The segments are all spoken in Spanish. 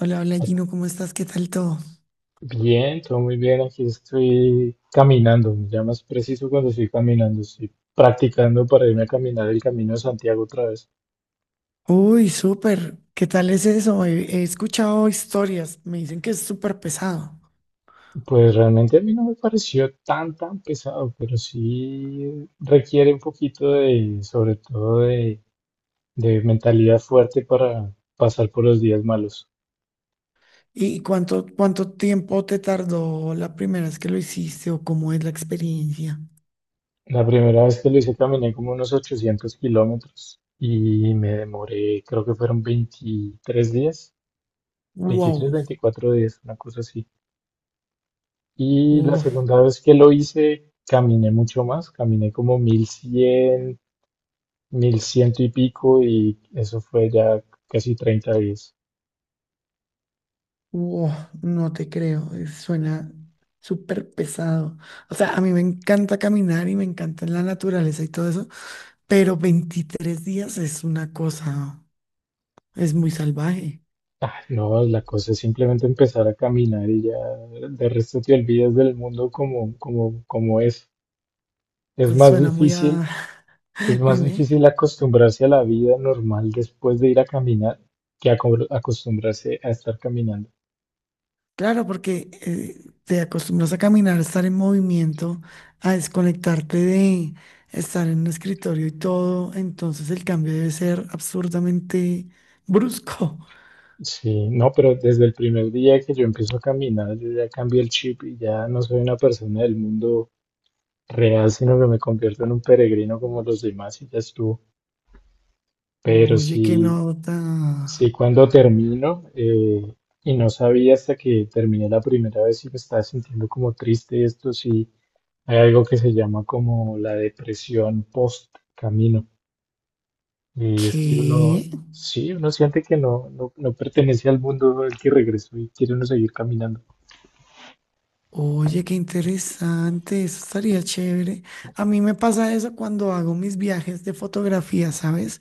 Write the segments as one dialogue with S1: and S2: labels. S1: Hola, hola Gino, ¿cómo estás? ¿Qué tal todo?
S2: Bien, todo muy bien. Aquí estoy caminando. Ya más preciso cuando estoy caminando. Estoy practicando para irme a caminar el Camino de Santiago otra vez.
S1: Uy, súper. ¿Qué tal es eso? He escuchado historias, me dicen que es súper pesado.
S2: Pues realmente a mí no me pareció tan pesado, pero sí requiere un poquito de, sobre todo de mentalidad fuerte para pasar por los días malos.
S1: ¿Y cuánto tiempo te tardó la primera vez que lo hiciste o cómo es la experiencia?
S2: La primera vez que lo hice caminé como unos 800 kilómetros y me demoré, creo que fueron 23 días, 23,
S1: Wow,
S2: 24 días, una cosa así. Y la
S1: wow,
S2: segunda vez que lo hice, caminé mucho más, caminé como 1.100, mil ciento y pico, y eso fue ya casi 30 días.
S1: wow, no te creo, suena súper pesado. O sea, a mí me encanta caminar y me encanta la naturaleza y todo eso, pero 23 días es una cosa, es muy salvaje.
S2: Ah, no, la cosa es simplemente empezar a caminar y ya de resto te olvidas del mundo como es. Es más
S1: Suena muy a,
S2: difícil, es más
S1: Dime,
S2: difícil acostumbrarse a la vida normal después de ir a caminar que acostumbrarse a estar caminando.
S1: claro, porque te acostumbras a caminar, a estar en movimiento, a desconectarte de estar en un escritorio y todo, entonces el cambio debe ser absurdamente brusco.
S2: Sí, no, pero desde el primer día que yo empiezo a caminar, yo ya cambié el chip y ya no soy una persona del mundo real, sino que me convierto en un peregrino como los demás y ya estuvo. Pero
S1: Oye, qué
S2: sí, sí,
S1: nota.
S2: cuando termino, y no sabía hasta que terminé la primera vez y me estaba sintiendo como triste, esto sí, hay algo que se llama como la depresión post camino. Y es que uno,
S1: ¿Qué?
S2: sí, uno siente que no, no, no pertenece al mundo al que regresó y quiere uno seguir caminando.
S1: Oye, qué interesante, eso estaría chévere. A mí me pasa eso cuando hago mis viajes de fotografía, ¿sabes?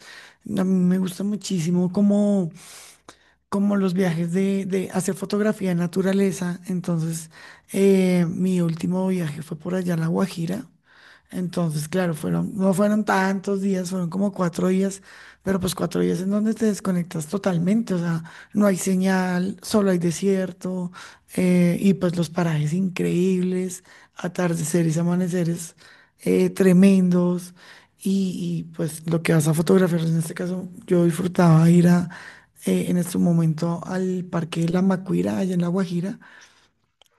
S1: A mí me gusta muchísimo como los viajes de hacer fotografía de naturaleza. Entonces, mi último viaje fue por allá a La Guajira. Entonces, claro, fueron, no fueron tantos días, fueron como cuatro días, pero pues cuatro días en donde te desconectas totalmente, o sea, no hay señal, solo hay desierto, y pues los parajes increíbles, atardeceres, amaneceres tremendos, y pues lo que vas a fotografiar, en este caso, yo disfrutaba ir a, en este momento al Parque de la Macuira, allá en La Guajira,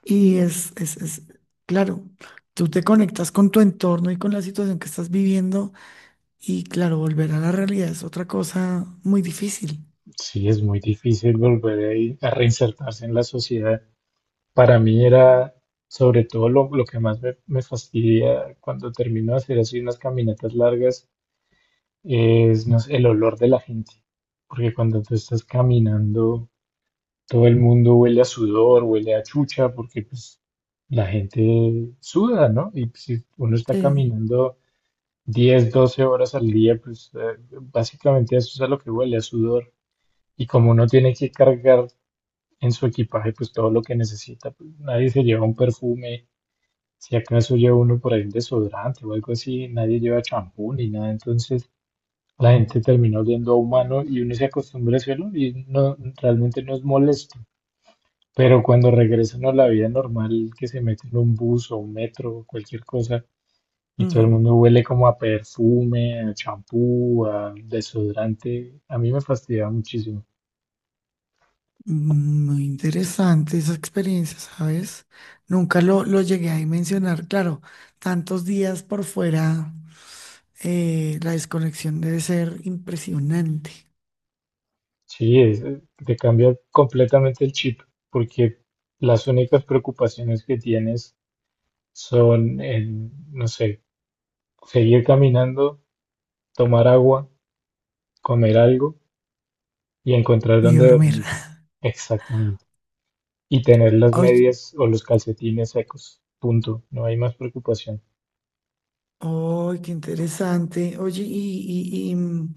S1: y es claro, tú te conectas con tu entorno y con la situación que estás viviendo y claro, volver a la realidad es otra cosa muy difícil.
S2: Sí, es muy difícil volver ahí a reinsertarse en la sociedad. Para mí era sobre todo lo que más me fastidia cuando termino de hacer así unas caminatas largas es, no sé, el olor de la gente. Porque cuando tú estás caminando, todo el mundo huele a sudor, huele a chucha, porque pues la gente suda, ¿no? Y pues, si uno está
S1: Sí.
S2: caminando 10, 12 horas al día, pues básicamente eso es a lo que huele, a sudor. Y como uno tiene que cargar en su equipaje pues todo lo que necesita. Pues, nadie se lleva un perfume, si acaso lleva uno por ahí un desodorante o algo así, nadie lleva champú ni nada, entonces la gente termina oliendo a humano y uno se acostumbra a ese olor y no, realmente no es molesto. Pero cuando regresan a la vida normal, que se meten en un bus o un metro o cualquier cosa, y todo el
S1: Mm.
S2: mundo huele como a perfume, a champú, a desodorante, a mí me fastidia muchísimo.
S1: Muy interesante esa experiencia, ¿sabes? Nunca lo llegué a dimensionar, claro, tantos días por fuera, la desconexión debe ser impresionante.
S2: Sí, te cambia completamente el chip, porque las únicas preocupaciones que tienes son, en, no sé, seguir caminando, tomar agua, comer algo y encontrar
S1: Mi
S2: dónde
S1: dormir.
S2: dormir. Exactamente. Y tener las
S1: Oye,
S2: medias o los calcetines secos. Punto. No hay más preocupación.
S1: oh, qué interesante. Oye,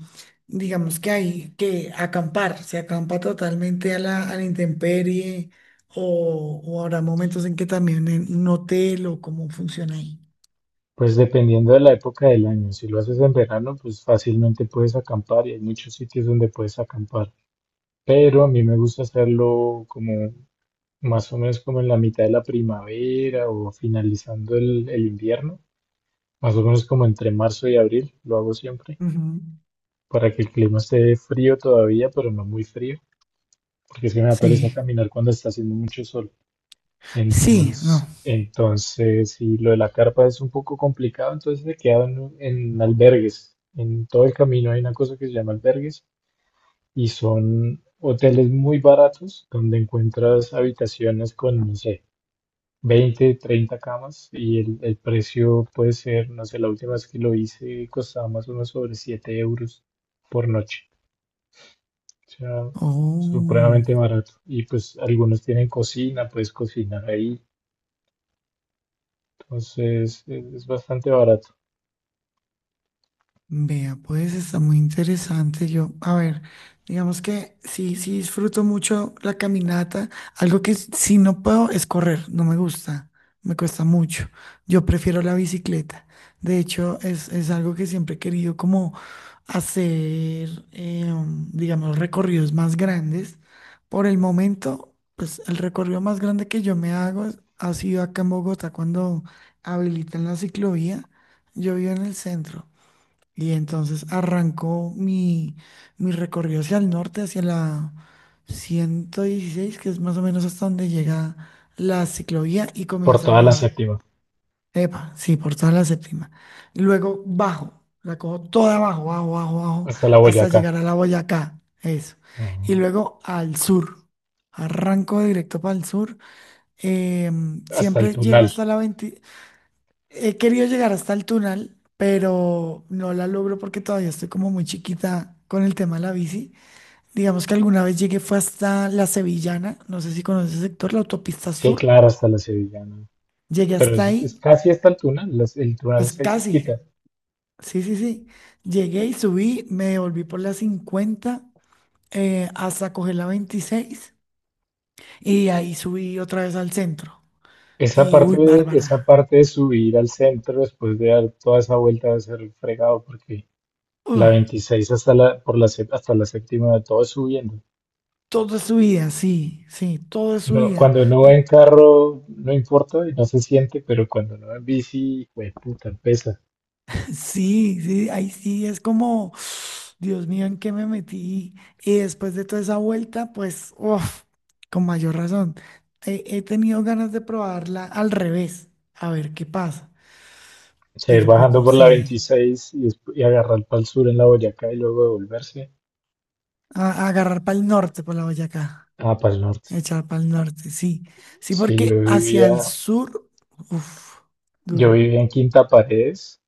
S1: digamos que hay que acampar, se acampa totalmente a la intemperie, o habrá momentos en que también en un hotel o cómo funciona ahí.
S2: Pues dependiendo de la época del año, si lo haces en verano, pues fácilmente puedes acampar y hay muchos sitios donde puedes acampar. Pero a mí me gusta hacerlo como más o menos como en la mitad de la primavera o finalizando el invierno, más o menos como entre marzo y abril, lo hago siempre,
S1: Ujú.
S2: para que el clima esté frío todavía, pero no muy frío, porque es que me da pereza
S1: Sí,
S2: caminar cuando está haciendo mucho sol.
S1: sí, no.
S2: Entonces, si lo de la carpa es un poco complicado, entonces se quedan en albergues. En todo el camino hay una cosa que se llama albergues y son hoteles muy baratos donde encuentras habitaciones con, no sé, 20, 30 camas, y el precio puede ser, no sé, la última vez que lo hice costaba más o menos sobre 7 euros por noche. O sea,
S1: Oh.
S2: supremamente barato. Y pues algunos tienen cocina, puedes cocinar ahí. Entonces es bastante barato.
S1: Vea, pues está muy interesante. Yo, a ver, digamos que sí, sí disfruto mucho la caminata. Algo que sí no puedo es correr, no me gusta, me cuesta mucho. Yo prefiero la bicicleta. De hecho, es algo que siempre he querido como hacer, digamos, recorridos más grandes. Por el momento, pues el recorrido más grande que yo me hago ha sido acá en Bogotá cuando habilitan la ciclovía. Yo vivo en el centro. Y entonces arrancó mi recorrido hacia el norte, hacia la 116 que es más o menos hasta donde llega la ciclovía y
S2: Por
S1: comienza a
S2: toda la
S1: bajar.
S2: séptima,
S1: Epa, sí, por toda la séptima. Y luego bajo, la cojo toda abajo, bajo,
S2: hasta la
S1: hasta
S2: Boyacá.
S1: llegar a la Boyacá. Eso. Y
S2: Ajá.
S1: luego al sur. Arranco directo para el sur.
S2: Hasta el
S1: Siempre llego
S2: Tunal.
S1: hasta la 20. He querido llegar hasta el túnel, pero no la logro porque todavía estoy como muy chiquita con el tema de la bici. Digamos que alguna vez llegué fue hasta la Sevillana, no sé si conoces el sector, la autopista
S2: Sí,
S1: sur.
S2: claro, hasta la Sevillana.
S1: Llegué
S2: Pero
S1: hasta
S2: es
S1: ahí,
S2: casi hasta el Tunal, las- el Tunal
S1: pues
S2: está ahí
S1: casi,
S2: cerquita.
S1: sí, sí, sí. Llegué y subí, me volví por la 50 hasta coger la 26 y ahí subí otra vez al centro.
S2: Esa
S1: Y
S2: parte,
S1: uy,
S2: esa
S1: Bárbara,
S2: parte de subir al centro después de dar toda esa vuelta va a ser fregado porque la
S1: uy,
S2: 26 hasta la, por la, sé- hasta la séptima todo es subiendo.
S1: todo es subida, sí, sí, todo es
S2: No,
S1: subida.
S2: cuando no va en carro no importa y no se siente, pero cuando no va en bici, güey, puta, pesa.
S1: Sí, sí, ahí sí es como, Dios mío, ¿en qué me metí? Y después de toda esa vuelta, pues, uf, con mayor razón, he tenido ganas de probarla al revés, a ver qué pasa,
S2: O sea, ir
S1: pero pues
S2: bajando
S1: no
S2: por la
S1: sé,
S2: 26 y, y agarrar para el sur en la Boyacá y luego devolverse.
S1: a agarrar para el norte por la Boyacá,
S2: Ah, para el norte.
S1: echar para el norte, sí, sí,
S2: Sí,
S1: porque
S2: yo
S1: hacia el
S2: vivía,
S1: sur, uff,
S2: yo
S1: duro,
S2: vivía en Quinta Paredes.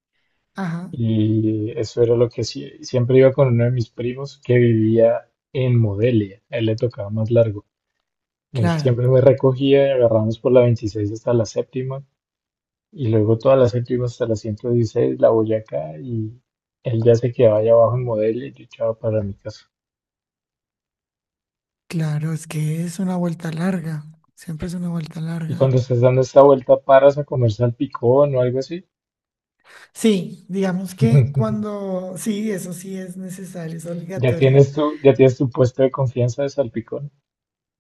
S1: ajá,
S2: Y eso era lo que siempre iba con uno de mis primos que vivía en Modelia. A él le tocaba más largo. Él
S1: claro,
S2: siempre me recogía y agarramos por la 26 hasta la séptima. Y luego toda la séptima hasta la 116, la Boyacá. Y él ya se quedaba allá abajo en Modelia y yo echaba para mi casa.
S1: claro, es que es una vuelta larga, siempre es una vuelta
S2: Y
S1: larga.
S2: cuando estás dando esta vuelta, paras a comer salpicón o algo así.
S1: Sí, digamos que cuando, sí, eso sí es necesario, es obligatorio.
S2: Ya tienes tu puesto de confianza de salpicón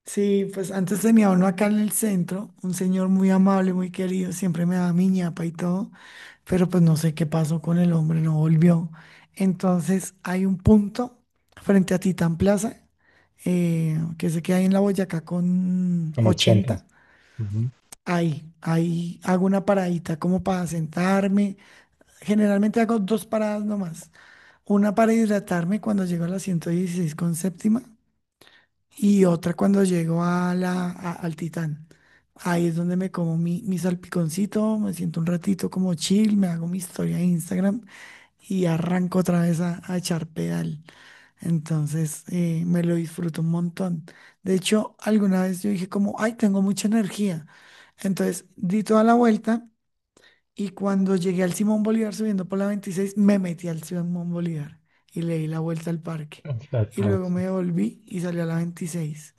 S1: Sí, pues antes tenía uno acá en el centro, un señor muy amable, muy querido, siempre me daba mi ñapa y todo, pero pues no sé qué pasó con el hombre, no volvió. Entonces hay un punto frente a Titán Plaza, que sé que hay en la Boyacá con
S2: con 80.
S1: 80.
S2: Ujú.
S1: Ahí hago una paradita como para sentarme. Generalmente hago dos paradas nomás. Una para hidratarme cuando llego a la 116 con séptima y otra cuando llego a al Titán. Ahí es donde me como mi salpiconcito, me siento un ratito como chill, me hago mi historia de Instagram y arranco otra vez a echar pedal. Entonces me lo disfruto un montón. De hecho, alguna vez yo dije como, ay, tengo mucha energía. Entonces di toda la vuelta y cuando llegué al Simón Bolívar subiendo por la 26, me metí al Simón Bolívar y le di la vuelta al parque. Y luego
S2: Exacto.
S1: me volví y salí a la 26.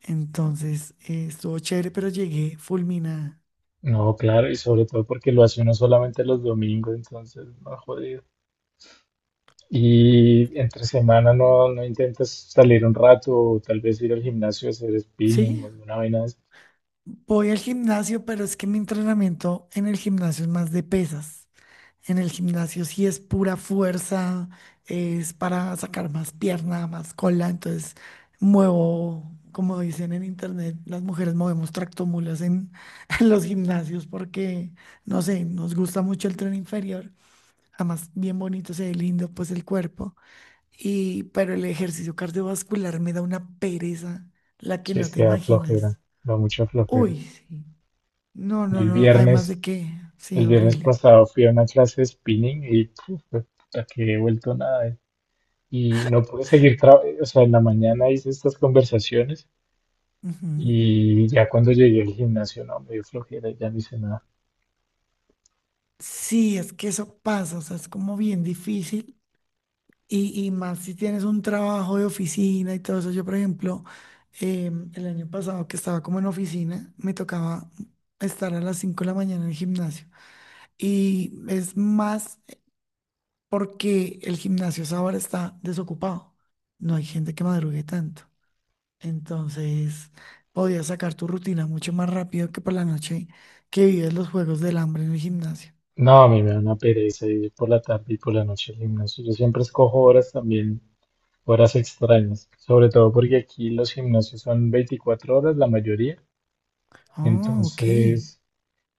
S1: Entonces, estuvo chévere, pero llegué fulminada.
S2: No, claro, y sobre todo porque lo hace uno solamente los domingos, entonces, no, jodido. Y entre semana no, no intentas salir un rato o tal vez ir al gimnasio a hacer spinning o
S1: Sí,
S2: alguna vaina de esas.
S1: voy al gimnasio, pero es que mi entrenamiento en el gimnasio es más de pesas. En el gimnasio sí es pura fuerza, es para sacar más pierna, más cola, entonces muevo, como dicen en internet, las mujeres movemos tractomulas en, en los gimnasios porque, no sé, nos gusta mucho el tren inferior, además bien bonito, se ve lindo pues el cuerpo, y, pero el ejercicio cardiovascular me da una pereza, la que
S2: Sí,
S1: no
S2: es
S1: te
S2: que da
S1: imaginas.
S2: flojera, da mucha flojera.
S1: Uy, sí. No,
S2: Yo
S1: no,
S2: el
S1: no, además de
S2: viernes,
S1: que, sí,
S2: el viernes
S1: horrible.
S2: pasado fui a una clase de spinning y puf, fue puta, que he vuelto nada. Y no pude seguir, o sea, en la mañana hice estas conversaciones
S1: Ujú.
S2: y ya cuando llegué al gimnasio, no, me dio flojera y ya no hice nada.
S1: Sí, es que eso pasa, o sea, es como bien difícil y más si tienes un trabajo de oficina y todo eso. Yo, por ejemplo, el año pasado que estaba como en oficina, me tocaba estar a las 5 de la mañana en el gimnasio y es más porque el gimnasio a esa hora está desocupado, no hay gente que madrugue tanto. Entonces, podías sacar tu rutina mucho más rápido que por la noche que vives los juegos del hambre en el gimnasio.
S2: No, a mí me da una pereza ir por la tarde y por la noche al gimnasio. Yo siempre escojo horas también, horas extrañas, sobre todo porque aquí los gimnasios son 24 horas la mayoría.
S1: Oh, ok.
S2: Entonces,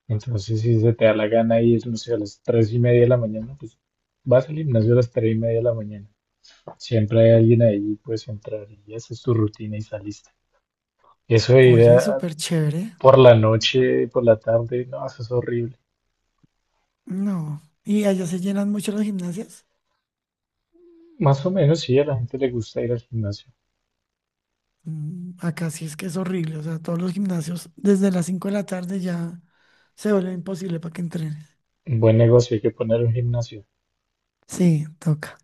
S2: entonces, si se te da la gana ir, no sé, a las 3:30 de la mañana, pues vas al gimnasio a las 3:30 de la mañana. Siempre hay alguien ahí, puedes entrar y haces tu rutina y saliste. Eso de ir
S1: Oye, súper chévere.
S2: por la noche, por la tarde, no, eso es horrible.
S1: No. ¿Y allá se llenan mucho las gimnasias?
S2: Más o menos sí, a la gente le gusta ir al gimnasio.
S1: Mm, acá sí es que es horrible. O sea, todos los gimnasios desde las 5 de la tarde ya se vuelve imposible para que entrenes.
S2: Buen negocio, hay que poner un gimnasio.
S1: Sí, toca.